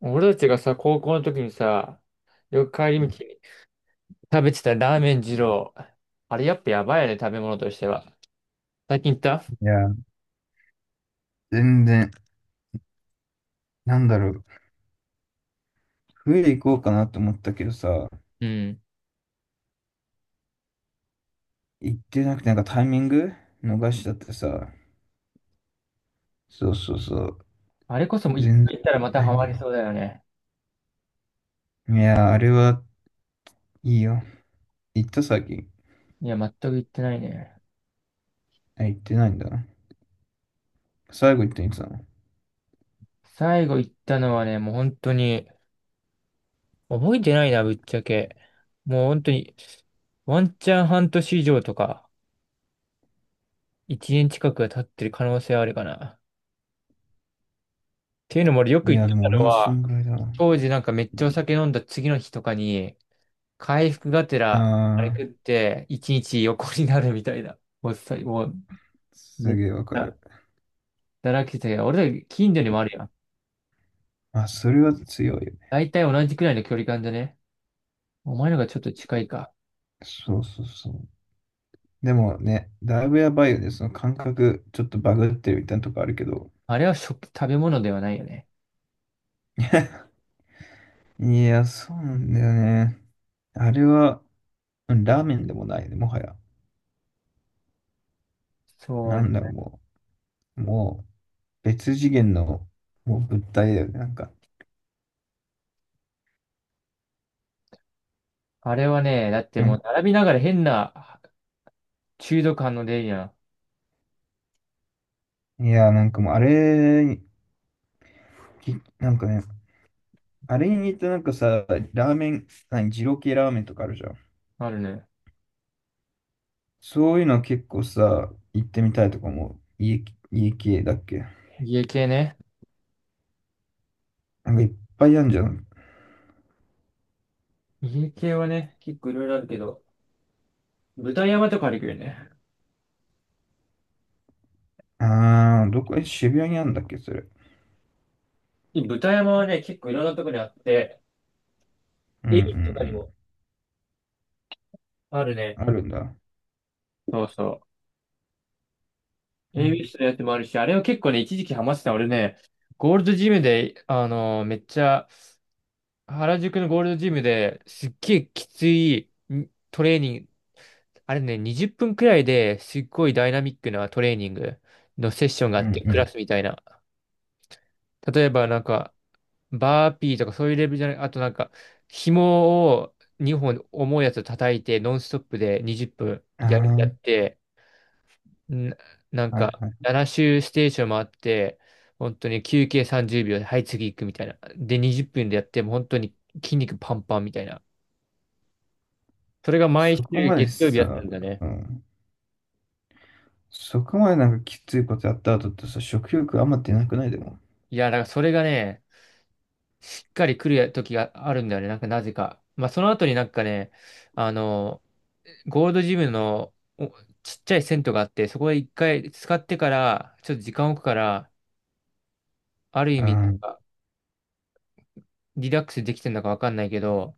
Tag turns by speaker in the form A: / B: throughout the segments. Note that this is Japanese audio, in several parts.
A: 俺たちがさ、高校の時にさ、よく帰り道に食べてたラーメン二郎。あれやっぱやばいよね、食べ物としては。最近行った、
B: いや、全然、なんだろう、冬行こうかなと思ったけどさ、
A: うん。
B: 行ってなくて、なんかタイミング逃しちゃってさ、そうそうそう、
A: あれこそもう一
B: 全然
A: 回行ったら
B: 行っ
A: ま
B: て
A: た
B: ない
A: ハ
B: んだ
A: マり
B: よ。
A: そうだよね。
B: いや、あれはいいよ。行った最近。
A: いや、全く行ってないね。
B: あ、行ってないんだ。最後行ったのいつなの？
A: 最後行ったのはね、もう本当に、覚えてないな、ぶっちゃけ。もう本当に、ワンチャン半年以上とか、一年近くが経ってる可能性はあるかな。っていうのも俺よく
B: い
A: 行っ
B: や、
A: て
B: でも
A: た
B: 俺
A: の
B: もそん
A: は、
B: ぐらいだわ。
A: 当時なんかめっちゃお酒飲んだ次の日とかに、回復がてら、あれ食
B: あ
A: って、一日横になるみたいな。もうさ、もう、
B: ー、
A: め
B: す
A: っち
B: げえわか
A: ゃ、
B: る。
A: だらけてたけど、俺ら近所にもあるやん。
B: あ、それは強いよね。
A: 大体同じくらいの距離感じゃね。お前のがちょっと近いか。
B: そうそうそう。でもね、だいぶやばいよね。その感覚、ちょっとバグってるみたいなとこあるけど。
A: あれは食べ物ではないよね。
B: いや、そうなんだよね。あれは、うん、ラーメンでもないね、もはや。
A: そう。
B: もう、もう、別次元の、もう物体だよね、なんか。
A: あれはね、だって
B: う
A: も
B: ん、
A: う並びながら変な中毒反応出るやん。
B: いや、なんかもう、あれに、きなんかね、あれに似たなんかさ、ラーメン、何、二郎系ラーメンとかあるじゃん。
A: あるね。
B: そういうの結構さ、行ってみたいとかも、家、家系だっけ？
A: 家系ね。
B: なんかいっぱいあるじゃん。
A: 家系はね、結構いろいろあるけど、豚山とかあるけどね。
B: あー、どこ、え、渋谷にあるんだっけ、それ。
A: 豚山はね、結構いろんなとこにあって、
B: うんう
A: エビとかに
B: ん
A: もある
B: う
A: ね。
B: ん。あるんだ。
A: そうそう。
B: うん
A: AB 室のやつもあるし、あれは結構ね、一時期ハマってた。俺ね、ゴールドジムで、めっちゃ、原宿のゴールドジムですっげえきついんトレーニング、あれね、20分くらいですっごいダイナミックなトレーニングのセッションがあ
B: う
A: っ
B: ん
A: て、
B: う
A: クラ
B: ん。
A: スみたいな。例えばなんか、バーピーとかそういうレベルじゃない、あとなんか、紐を2本重いやつを叩いて、ノンストップで20
B: あ
A: 分や
B: ー、
A: って、んなん
B: はい
A: か、
B: はい。
A: 7周ステーションもあって、本当に休憩30秒で、はい、次行くみたいな。で、20分でやって、もう本当に筋肉パンパンみたいな。それが毎
B: そこ
A: 週
B: まで
A: 月曜日やって
B: さ、
A: るんだね。
B: うん、そこまでなんかきついことやった後ってさ、食欲あんま出なくない？でも。
A: いや、だからそれがね、しっかり来る時があるんだよね。なんかなぜか。まあ、その後になんかね、あの、ゴールドジムのちっちゃい銭湯があって、そこで一回使ってから、ちょっと時間置くから、ある意
B: う
A: 味
B: ん。
A: な
B: う
A: ん
B: ん
A: か、リラックスできてるのかわかんないけど、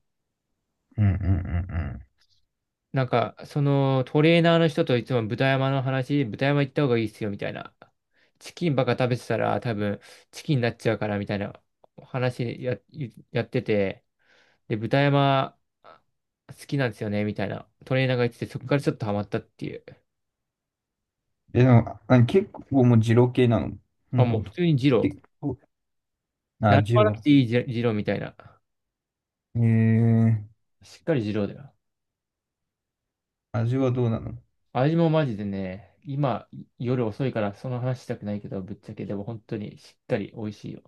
B: うんうんう
A: なんか、そのトレーナーの人といつも豚山の話、豚山行った方がいいっすよみたいな。チキンばっか食べてたら多分チキンになっちゃうからみたいな話やってて、で、豚山好きなんですよねみたいなトレーナーが言ってて、そこからちょっとハマったっていう。
B: ん。え、でも、あ、結構もう二郎系なの？もう
A: あ、も
B: ほ
A: う
B: ん
A: 普
B: と。
A: 通に二郎。
B: 結構、あ、
A: 何
B: 二
A: ばなく
B: 郎。
A: ていい二郎みたいな。
B: えー、
A: しっかり二郎だよ。
B: 味はどうなの？
A: 味もマジでね、今夜遅いからその話したくないけど、ぶっちゃけでも本当にしっかり美味しいよ。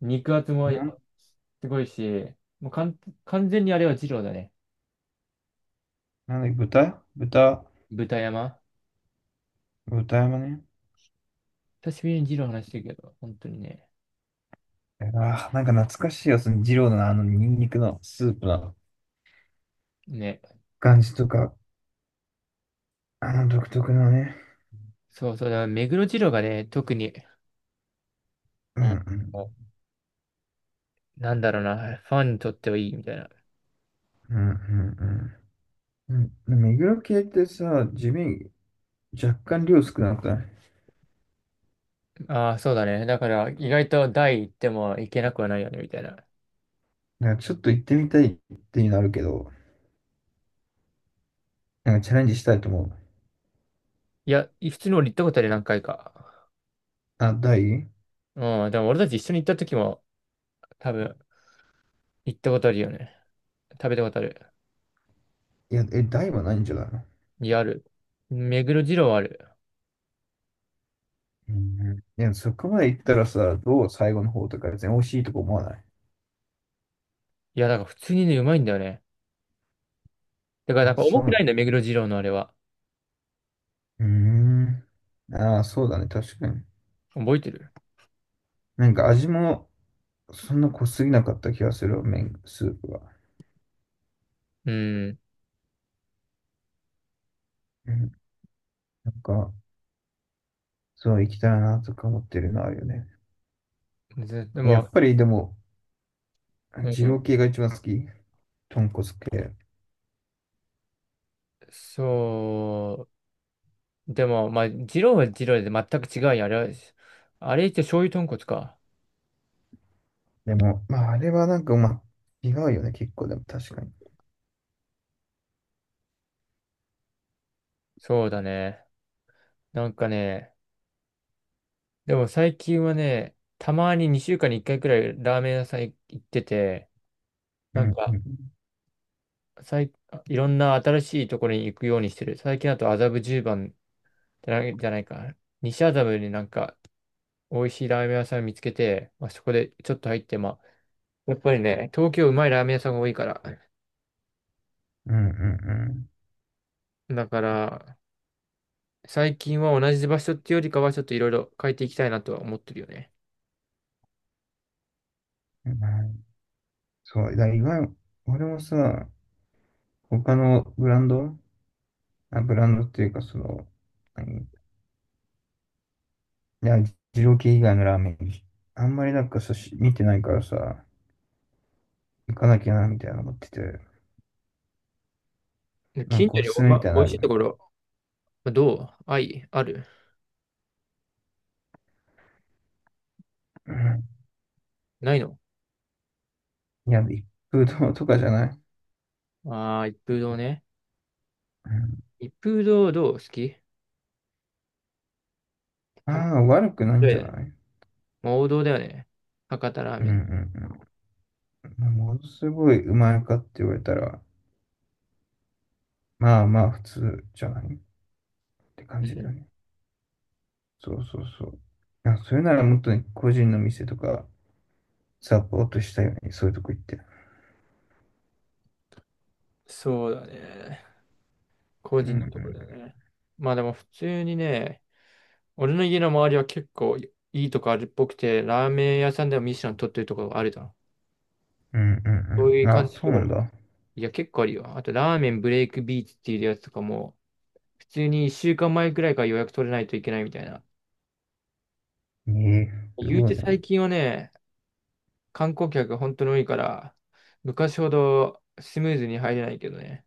A: 肉厚も
B: なん、
A: すごいし、もうかん完全にあれは二郎だね。
B: なんだっけ、豚豚、
A: 豚山。
B: 豚山ね。
A: 久しぶりに二郎話してるけど、本当にね。
B: あー、なんか懐かしいやつね、二郎のあのニンニクのスープの
A: ね。
B: 感じとか、あの独特のね。
A: そうそう、だから目黒二郎がね、特に、
B: う
A: う
B: んう
A: ん、
B: ん。
A: なんだろうな、ファンにとってはいいみたいな。
B: うんうんうん。うん、でも目黒系ってさ、地味、若干量少なくない？
A: ああ、そうだね。だから意外と大行っても行けなくはないよね、みたいな。
B: なんかちょっと行ってみたいっていうのあるけど、なんかチャレンジしたいと思う。
A: いや、普通に俺行ったことあるよ何回か。
B: あ、台、い
A: うん、でも俺たち一緒に行った時も多分行ったことあるよね。食べたことある。
B: や、え、台はないんじゃないの？
A: いや、ある。目黒二郎はある。
B: うん。いや、そこまで行ったらさ、どう、最後の方とか別に美味しいとこ思わない？
A: いや、だから普通にね、うまいんだよね。だからなん
B: あ、
A: か
B: そ
A: 重
B: う
A: く
B: なん
A: ないんだ
B: だ。
A: よ、目黒二郎のあれは。
B: うーん。ああ、そうだね、確かに。
A: 覚えてる？
B: なんか味もそんな濃すぎなかった気がするわ、麺、スープが。
A: うん。
B: うん。なんか、そう行きたいなとか思ってるのあるよね。
A: ずで
B: や
A: も、
B: っぱりでも、
A: う
B: 二
A: ん。
B: 郎系が一番好き。豚骨系。
A: そう。でも、まあ、二郎は二郎で全く違うよ。あれは、あれって醤油豚骨か。
B: でも、まあ、あれはなんか、まあ、違うよね、結構、でも確かに。
A: そうだね。なんかね、でも最近はね、たまに2週間に1回くらいラーメン屋さん行ってて、
B: う
A: なん
B: ん、
A: か、
B: うん、
A: さいいろんな新しいところに行くようにしてる。最近だと麻布十番じゃない、じゃないか。西麻布になんか、美味しいラーメン屋さん見つけて、まあ、そこでちょっと入って、やっぱりね、東京うまいラーメン屋さんが多いから。
B: うん、うん、
A: だから、最近は同じ場所っていうよりかは、ちょっといろいろ変えていきたいなとは思ってるよね。
B: うん。はい、そう、だから今、俺もさ、他のブランド、あ、ブランドっていうか、その、何、いや、二郎系以外のラーメン、あんまりなんかさ、し、見てないからさ、行かなきゃな、みたいな思ってて、
A: で
B: なん
A: 近
B: か
A: 所
B: お
A: に
B: すすめ
A: ま、
B: みたいな
A: 美
B: のあ
A: 味しいと
B: る？
A: ころ、どうあい、ある
B: うん、
A: ないの？
B: いや、一風堂とかじゃない？
A: ああー、一風堂ね。一風堂どう好き？
B: あ
A: たま
B: あー、悪くない
A: ら
B: ん
A: な
B: じ
A: い
B: ゃ
A: だね。
B: ない？
A: 王道だよね。博多ラー
B: うん
A: メ
B: う
A: ン。
B: んうん。ものすごいうまいかって言われたら、まあまあ、普通じゃないって感
A: う
B: じだよ
A: ん、
B: ね。そうそうそう。いや、それならもっとね、個人の店とかサポートしたいよね。そういうとこ行って。
A: そうだね。個
B: うんう
A: 人のところ
B: ん。
A: だね。まあでも普通にね、俺の家の周りは結構いいとこあるっぽくて、ラーメン屋さんでもミッシュラン取ってるところがあるだ、
B: うんう
A: そう
B: ん
A: い
B: うん。
A: う
B: あ、
A: 感じの
B: そう
A: とこ
B: なん
A: ろ。
B: だ。
A: いや、結構あるよ。あと、ラーメンブレイクビーチっていうやつとかも、普通に1週間前くらいから予約取れないといけないみたいな。
B: ええ、す
A: 言う
B: ご
A: て
B: い
A: 最
B: な。
A: 近はね、観光客が本当に多いから、昔ほどスムーズに入れないけどね。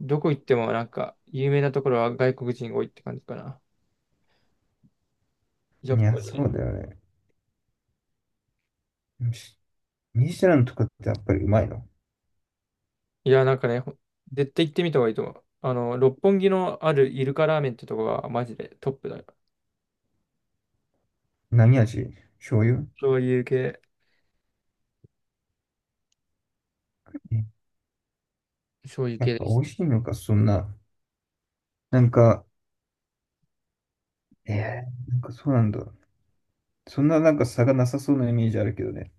A: どこ行ってもなんか、有名なところは外国人が多いって感じかな。
B: い
A: やっ
B: や、
A: ぱり
B: そ
A: ね。
B: うだよね。し、ミシュランとかってやっぱりうまいの？
A: いや、なんかね、絶対行ってみた方がいいと思う。あの、六本木のあるイルカラーメンってとこがマジでトップだよ。
B: 何味？醤油？
A: そういう系、
B: え、
A: そういう
B: やっ
A: 系
B: ぱ
A: で
B: 美
A: す。
B: 味しいのか、そんな。なんか、ええ、なんかそうなんだ。そんななんか差がなさそうなイメージあるけどね。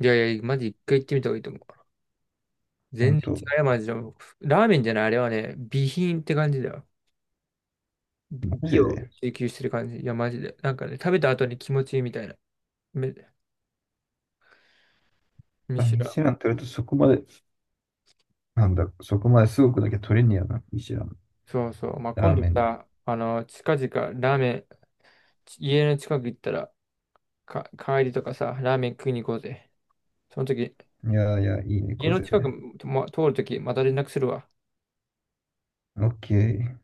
A: いやいや、マジ一回行ってみた方がいいと思う。
B: ほん
A: 全然
B: と、
A: 違うよ、マジで。ラーメンじゃない、あれはね、美品って感じだよ。美
B: マ
A: 美
B: ジ
A: を
B: で。
A: 追求してる感じ。いや、マジで。なんかね、食べた後に気持ちいいみたいな。め、む
B: あ、
A: し
B: ミ
A: ろ。
B: シュラン取るとそこまで、なんだ、そこまですごくだけ取れんねやな、一蘭。
A: そうそう。まあ、
B: ラ
A: 今
B: ー
A: 度
B: メンで。
A: さ、あの、近々、ラーメン、家の近く行ったら、帰りとかさ、ラーメン食いに行こうぜ。その時、
B: いやいや、いいね、
A: 家
B: こ
A: の
B: ぜ。
A: 近くも通る時また連絡するわ。
B: オッケー。